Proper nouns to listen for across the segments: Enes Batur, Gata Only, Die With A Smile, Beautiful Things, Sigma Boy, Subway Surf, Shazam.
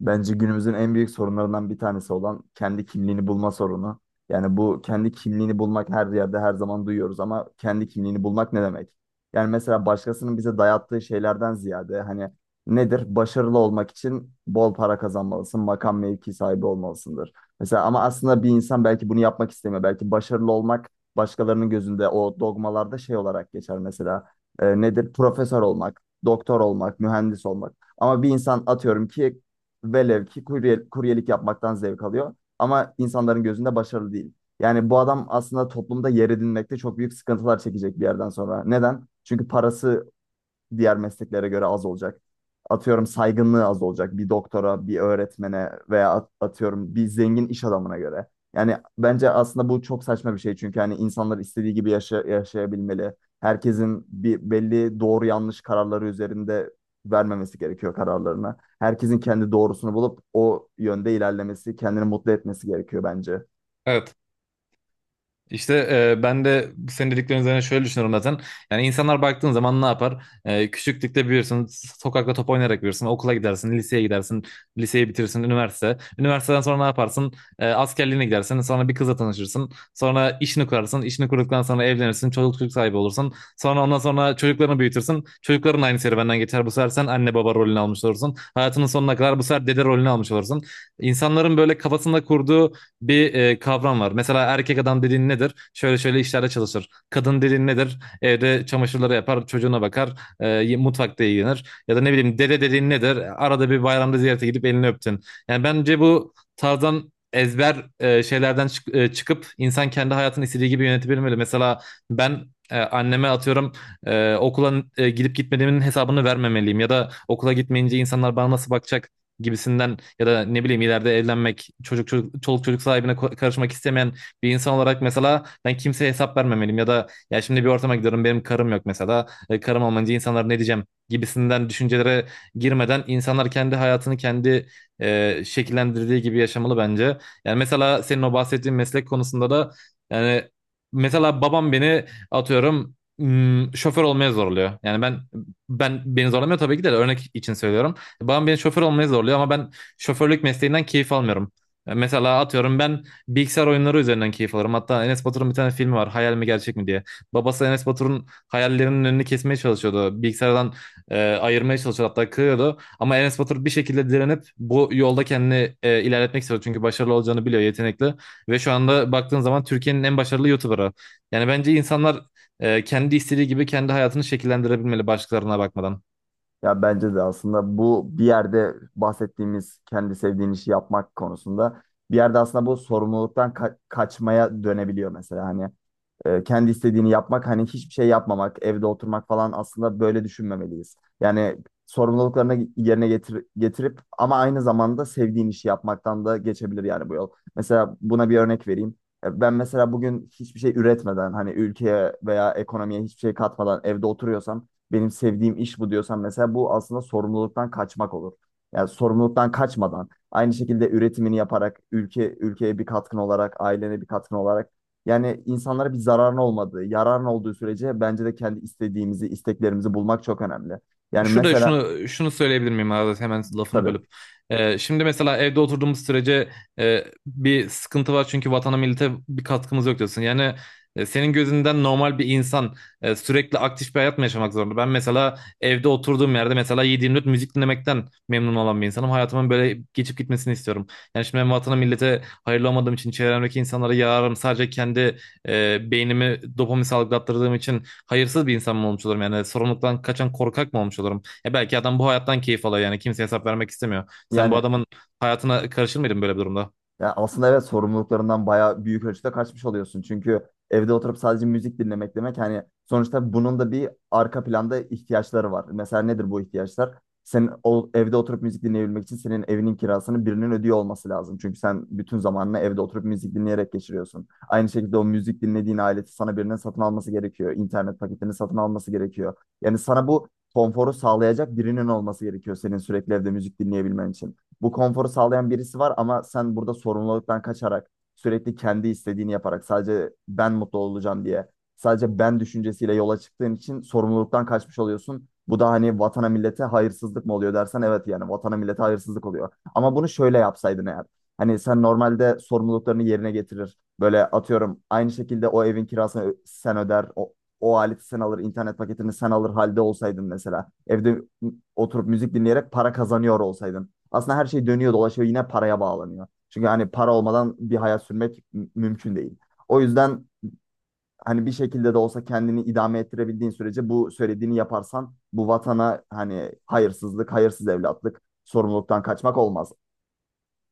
Bence günümüzün en büyük sorunlarından bir tanesi olan kendi kimliğini bulma sorunu. Yani bu kendi kimliğini bulmak her yerde her zaman duyuyoruz ama kendi kimliğini bulmak ne demek? Yani mesela başkasının bize dayattığı şeylerden ziyade hani nedir? Başarılı olmak için bol para kazanmalısın, makam mevki sahibi olmalısındır. Mesela ama aslında bir insan belki bunu yapmak istemiyor. Belki başarılı olmak başkalarının gözünde o dogmalarda şey olarak geçer mesela. Nedir? Profesör olmak, doktor olmak, mühendis olmak. Ama bir insan atıyorum ki velev ki kurye, kuryelik yapmaktan zevk alıyor. Ama insanların gözünde başarılı değil. Yani bu adam aslında toplumda yer edinmekte çok büyük sıkıntılar çekecek bir yerden sonra. Neden? Çünkü parası diğer mesleklere göre az olacak. Atıyorum saygınlığı az olacak bir doktora, bir öğretmene veya atıyorum bir zengin iş adamına göre. Yani bence aslında bu çok saçma bir şey çünkü hani insanlar istediği gibi yaşayabilmeli. Herkesin bir belli doğru yanlış kararları üzerinde vermemesi gerekiyor kararlarını. Herkesin kendi doğrusunu bulup o yönde ilerlemesi, kendini mutlu etmesi gerekiyor bence. Evet. İşte ben de senin dediklerin üzerine şöyle düşünüyorum zaten. Yani insanlar baktığın zaman ne yapar? Küçüklükte büyürsün, sokakta top oynayarak büyürsün, okula gidersin, liseye gidersin, liseyi bitirirsin, üniversite. Üniversiteden sonra ne yaparsın? Askerliğine gidersin, sonra bir kızla tanışırsın, sonra işini kurarsın, işini kurduktan sonra evlenirsin, çocuk sahibi olursun. Sonra ondan sonra çocuklarını büyütürsün, çocukların aynı serüvenden geçer. Bu sefer sen anne baba rolünü almış olursun. Hayatının sonuna kadar bu sefer dede rolünü almış olursun. İnsanların böyle kafasında kurduğu bir kavram var. Mesela erkek adam dediğin nedir? Şöyle şöyle işlerde çalışır. Kadın dediğin nedir? Evde çamaşırları yapar, çocuğuna bakar, mutfakta ilgilenir. Ya da ne bileyim dede dediğin nedir? Arada bir bayramda ziyarete gidip elini öptün. Yani bence bu tarzdan ezber şeylerden çıkıp insan kendi hayatını istediği gibi yönetebilmeli. Mesela ben anneme atıyorum okula gidip gitmediğimin hesabını vermemeliyim, ya da okula gitmeyince insanlar bana nasıl bakacak gibisinden, ya da ne bileyim ileride evlenmek, çocuk çocuk çoluk çocuk sahibine karışmak istemeyen bir insan olarak mesela ben kimseye hesap vermemeliyim, ya da ya şimdi bir ortama gidiyorum, benim karım yok mesela. Karım olmayınca insanlar ne diyeceğim gibisinden düşüncelere girmeden insanlar kendi hayatını kendi şekillendirdiği gibi yaşamalı bence. Yani mesela senin o bahsettiğin meslek konusunda da, yani mesela babam beni atıyorum, şoför olmaya zorluyor. Yani beni zorlamıyor, tabii ki de örnek için söylüyorum. Babam beni şoför olmaya zorluyor, ama ben şoförlük mesleğinden keyif almıyorum. Mesela atıyorum ben bilgisayar oyunları üzerinden keyif alırım. Hatta Enes Batur'un bir tane filmi var. Hayal mi gerçek mi diye. Babası Enes Batur'un hayallerinin önünü kesmeye çalışıyordu. Bilgisayardan ayırmaya çalışıyordu, hatta kırıyordu. Ama Enes Batur bir şekilde direnip bu yolda kendini ilerletmek istiyor. Çünkü başarılı olacağını biliyor, yetenekli. Ve şu anda baktığın zaman Türkiye'nin en başarılı YouTuber'ı. Yani bence insanlar kendi istediği gibi kendi hayatını şekillendirebilmeli, başkalarına bakmadan. Ya bence de aslında bu bir yerde bahsettiğimiz kendi sevdiğin işi yapmak konusunda bir yerde aslında bu sorumluluktan kaçmaya dönebiliyor mesela hani kendi istediğini yapmak hani hiçbir şey yapmamak, evde oturmak falan aslında böyle düşünmemeliyiz. Yani sorumluluklarını yerine getirip ama aynı zamanda sevdiğin işi yapmaktan da geçebilir yani bu yol. Mesela buna bir örnek vereyim. Ben mesela bugün hiçbir şey üretmeden hani ülkeye veya ekonomiye hiçbir şey katmadan evde oturuyorsam benim sevdiğim iş bu diyorsam mesela bu aslında sorumluluktan kaçmak olur. Yani sorumluluktan kaçmadan aynı şekilde üretimini yaparak ülkeye bir katkın olarak ailene bir katkın olarak yani insanlara bir zararın olmadığı, yararın olduğu sürece bence de kendi istediğimizi, isteklerimizi bulmak çok önemli. Yani Şurada mesela şunu söyleyebilir miyim Azat, hemen lafını tabii bölüp? Şimdi mesela evde oturduğumuz sürece bir sıkıntı var çünkü vatana millete bir katkımız yok diyorsun. Yani senin gözünden normal bir insan sürekli aktif bir hayat mı yaşamak zorunda? Ben mesela evde oturduğum yerde mesela 7/24 müzik dinlemekten memnun olan bir insanım. Hayatımın böyle geçip gitmesini istiyorum. Yani şimdi ben vatana millete hayırlı olmadığım için çevremdeki insanlara yararım. Sadece kendi beynimi dopamin salgılattırdığım için hayırsız bir insan mı olmuş olurum? Yani sorumluluktan kaçan korkak mı olmuş olurum? Ya belki adam bu hayattan keyif alıyor, yani kimseye hesap vermek istemiyor. Sen bu yani adamın hayatına karışır mıydın böyle bir durumda? ya aslında evet sorumluluklarından bayağı büyük ölçüde kaçmış oluyorsun. Çünkü evde oturup sadece müzik dinlemek demek hani sonuçta bunun da bir arka planda ihtiyaçları var. Mesela nedir bu ihtiyaçlar? Senin o, evde oturup müzik dinleyebilmek için senin evinin kirasını birinin ödüyor olması lazım. Çünkü sen bütün zamanını evde oturup müzik dinleyerek geçiriyorsun. Aynı şekilde o müzik dinlediğin aleti sana birinin satın alması gerekiyor. İnternet paketini satın alması gerekiyor. Yani sana bu konforu sağlayacak birinin olması gerekiyor senin sürekli evde müzik dinleyebilmen için bu konforu sağlayan birisi var ama sen burada sorumluluktan kaçarak sürekli kendi istediğini yaparak sadece ben mutlu olacağım diye sadece ben düşüncesiyle yola çıktığın için sorumluluktan kaçmış oluyorsun. Bu da hani vatana millete hayırsızlık mı oluyor dersen evet yani vatana millete hayırsızlık oluyor. Ama bunu şöyle yapsaydın eğer. Hani sen normalde sorumluluklarını yerine getirir. Böyle atıyorum aynı şekilde o evin kirasını sen öder. O aleti sen alır, internet paketini sen alır halde olsaydın mesela. Evde oturup müzik dinleyerek para kazanıyor olsaydın. Aslında her şey dönüyor dolaşıyor yine paraya bağlanıyor. Çünkü hani para olmadan bir hayat sürmek mümkün değil. O yüzden hani bir şekilde de olsa kendini idame ettirebildiğin sürece bu söylediğini yaparsan bu vatana hani hayırsızlık, hayırsız evlatlık, sorumluluktan kaçmak olmaz.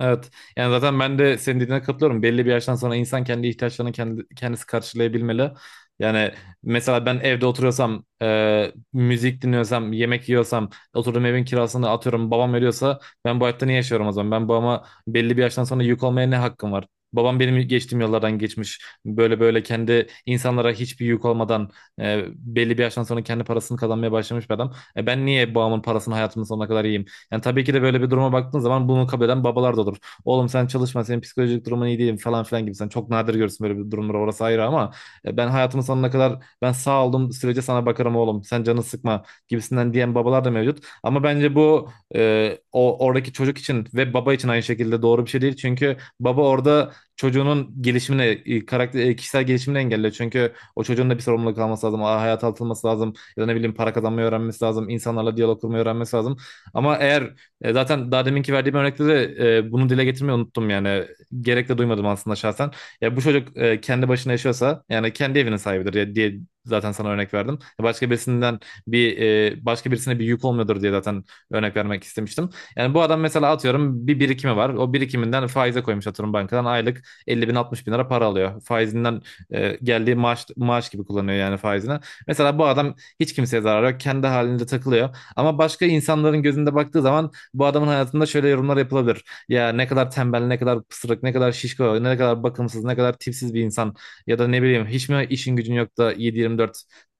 Evet. Yani zaten ben de senin dediğine katılıyorum. Belli bir yaştan sonra insan kendi ihtiyaçlarını kendi, kendisi karşılayabilmeli. Yani mesela ben evde oturuyorsam, müzik dinliyorsam, yemek yiyorsam, oturduğum evin kirasını atıyorum, babam veriyorsa, ben bu hayatta niye yaşıyorum o zaman? Ben babama belli bir yaştan sonra yük olmaya ne hakkım var? Babam benim geçtiğim yollardan geçmiş. Böyle böyle kendi insanlara hiçbir yük olmadan, belli bir yaştan sonra kendi parasını kazanmaya başlamış bir adam. Ben niye babamın parasını hayatımın sonuna kadar yiyeyim? Yani tabii ki de böyle bir duruma baktığın zaman bunu kabul eden babalar da olur. Oğlum sen çalışma, senin psikolojik durumun iyi değil falan filan gibi. Sen çok nadir görürsün böyle bir durumları, orası ayrı, ama ben hayatımın sonuna kadar, ben sağ olduğum sürece sana bakarım oğlum. Sen canını sıkma gibisinden diyen babalar da mevcut. Ama bence bu o oradaki çocuk için ve baba için aynı şekilde doğru bir şey değil. Çünkü baba orada çocuğunun gelişimine, karakter, kişisel gelişimini engelliyor. Çünkü o çocuğun da bir sorumluluk alması lazım, hayata atılması lazım, ya da ne bileyim para kazanmayı öğrenmesi lazım, İnsanlarla diyalog kurmayı öğrenmesi lazım. Ama eğer zaten daha deminki verdiğim örnekte de bunu dile getirmeyi unuttum yani. Gerek de duymadım aslında şahsen. Ya bu çocuk kendi başına yaşıyorsa, yani kendi evinin sahibidir ya, diye zaten sana örnek verdim. Başka birisinden bir, başka birisine bir yük olmuyordur diye zaten örnek vermek istemiştim. Yani bu adam mesela atıyorum bir birikimi var. O birikiminden faize koymuş, atıyorum bankadan aylık 50 bin 60 bin lira para alıyor. Faizinden geldiği maaş gibi kullanıyor yani faizini. Mesela bu adam hiç kimseye zarar yok. Kendi halinde takılıyor. Ama başka insanların gözünde baktığı zaman bu adamın hayatında şöyle yorumlar yapılabilir. Ya ne kadar tembel, ne kadar pısırık, ne kadar şişko, ne kadar bakımsız, ne kadar tipsiz bir insan. Ya da ne bileyim hiç mi işin gücün yok da 7-24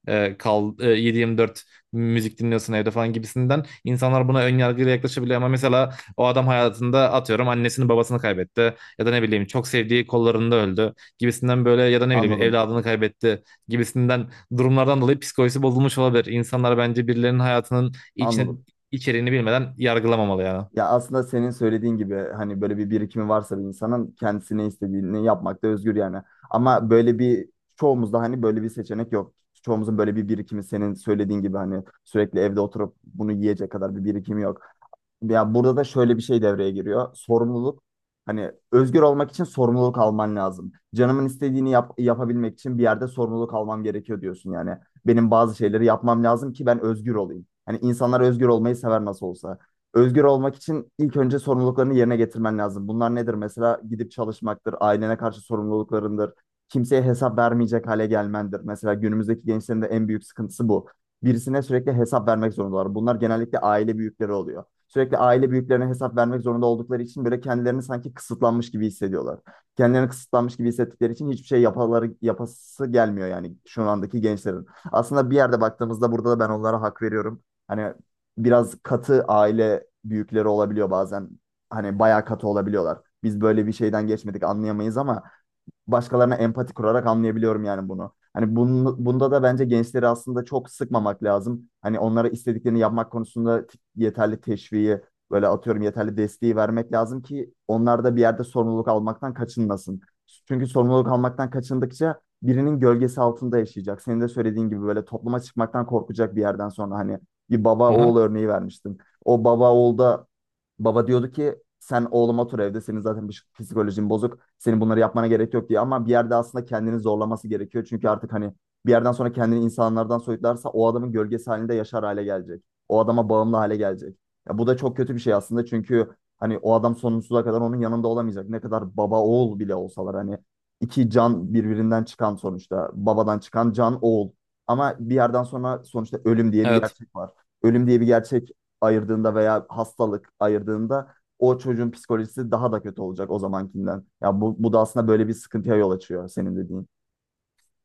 7/24 müzik dinliyorsun evde falan gibisinden insanlar buna ön yargıyla yaklaşabiliyor, ama mesela o adam hayatında atıyorum annesini babasını kaybetti, ya da ne bileyim çok sevdiği kollarında öldü gibisinden, böyle ya da ne bileyim Anladım. evladını kaybetti gibisinden durumlardan dolayı psikolojisi bozulmuş olabilir. İnsanlar bence birilerinin hayatının İçini, Anladım. içeriğini bilmeden yargılamamalı yani. Ya aslında senin söylediğin gibi hani böyle bir birikimi varsa bir insanın kendisine istediğini yapmakta özgür yani. Ama böyle bir çoğumuzda hani böyle bir seçenek yok. Çoğumuzun böyle bir birikimi senin söylediğin gibi hani sürekli evde oturup bunu yiyecek kadar bir birikimi yok. Ya burada da şöyle bir şey devreye giriyor. Sorumluluk. Hani özgür olmak için sorumluluk alman lazım. Canımın istediğini yapabilmek için bir yerde sorumluluk almam gerekiyor diyorsun yani. Benim bazı şeyleri yapmam lazım ki ben özgür olayım. Hani insanlar özgür olmayı sever nasıl olsa. Özgür olmak için ilk önce sorumluluklarını yerine getirmen lazım. Bunlar nedir? Mesela gidip çalışmaktır, ailene karşı sorumluluklarındır, kimseye hesap vermeyecek hale gelmendir. Mesela günümüzdeki gençlerin de en büyük sıkıntısı bu. Birisine sürekli hesap vermek zorundalar. Bunlar genellikle aile büyükleri oluyor. Sürekli aile büyüklerine hesap vermek zorunda oldukları için böyle kendilerini sanki kısıtlanmış gibi hissediyorlar. Kendilerini kısıtlanmış gibi hissettikleri için hiçbir şey yapası gelmiyor yani şu andaki gençlerin. Aslında bir yerde baktığımızda burada da ben onlara hak veriyorum. Hani biraz katı aile büyükleri olabiliyor bazen. Hani bayağı katı olabiliyorlar. Biz böyle bir şeyden geçmedik anlayamayız ama başkalarına empati kurarak anlayabiliyorum yani bunu. Hani bunda da bence gençleri aslında çok sıkmamak lazım. Hani onlara istediklerini yapmak konusunda yeterli teşviği, böyle atıyorum yeterli desteği vermek lazım ki onlar da bir yerde sorumluluk almaktan kaçınmasın. Çünkü sorumluluk almaktan kaçındıkça birinin gölgesi altında yaşayacak. Senin de söylediğin gibi böyle topluma çıkmaktan korkacak bir yerden sonra hani bir baba oğul Aha. örneği vermiştin. O baba oğul da baba diyordu ki sen oğlum otur evde senin zaten psikolojin bozuk. Senin bunları yapmana gerek yok diye ama bir yerde aslında kendini zorlaması gerekiyor. Çünkü artık hani bir yerden sonra kendini insanlardan soyutlarsa o adamın gölgesi halinde yaşar hale gelecek. O adama bağımlı hale gelecek. Ya bu da çok kötü bir şey aslında çünkü hani o adam sonsuza kadar onun yanında olamayacak. Ne kadar baba oğul bile olsalar hani iki can birbirinden çıkan sonuçta babadan çıkan can oğul. Ama bir yerden sonra sonuçta ölüm diye bir Evet. gerçek var. Ölüm diye bir gerçek ayırdığında veya hastalık ayırdığında o çocuğun psikolojisi daha da kötü olacak o zamankinden. Ya bu da aslında böyle bir sıkıntıya yol açıyor senin dediğin.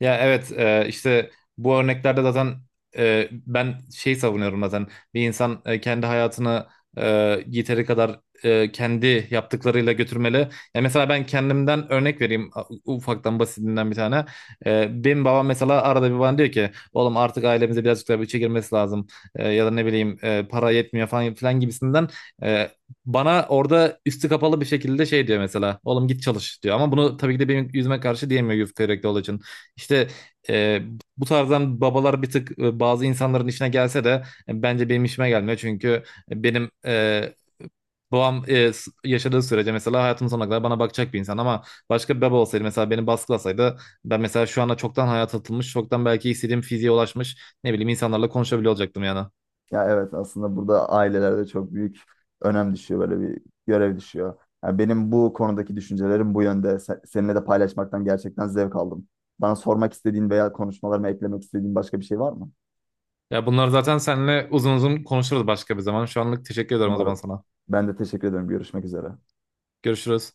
Ya evet, işte bu örneklerde zaten ben şey savunuyorum zaten, bir insan kendi hayatını e, yeteri kadar kendi yaptıklarıyla götürmeli. Ya mesela ben kendimden örnek vereyim, ufaktan basitinden bir tane. Benim babam mesela arada bir bana diyor ki, oğlum artık ailemize birazcık daha bütçe girmesi lazım, ya da ne bileyim para yetmiyor falan filan gibisinden. E, Bana orada üstü kapalı bir şekilde şey diyor, mesela oğlum git çalış diyor, ama bunu tabii ki de benim yüzüme karşı diyemiyor yufka yürekli olduğu için. İşte, e, bu tarzdan babalar bir tık bazı insanların işine gelse de bence benim işime gelmiyor. Çünkü benim babam yaşadığı sürece, mesela hayatımın sonuna kadar bana bakacak bir insan, ama başka bir baba olsaydı, mesela beni baskılasaydı, ben mesela şu anda çoktan hayata atılmış, çoktan belki istediğim fiziğe ulaşmış, ne bileyim insanlarla konuşabiliyor olacaktım yani. Ya evet aslında burada ailelerde çok büyük önem düşüyor böyle bir görev düşüyor. Ya benim bu konudaki düşüncelerim bu yönde. Seninle de paylaşmaktan gerçekten zevk aldım. Bana sormak istediğin veya konuşmalarıma eklemek istediğin başka bir şey var mı? Ya bunlar zaten seninle uzun uzun konuşuruz başka bir zaman. Şu anlık teşekkür ederim o zaman Umarım. sana. Ben de teşekkür ederim. Görüşmek üzere. Görüşürüz.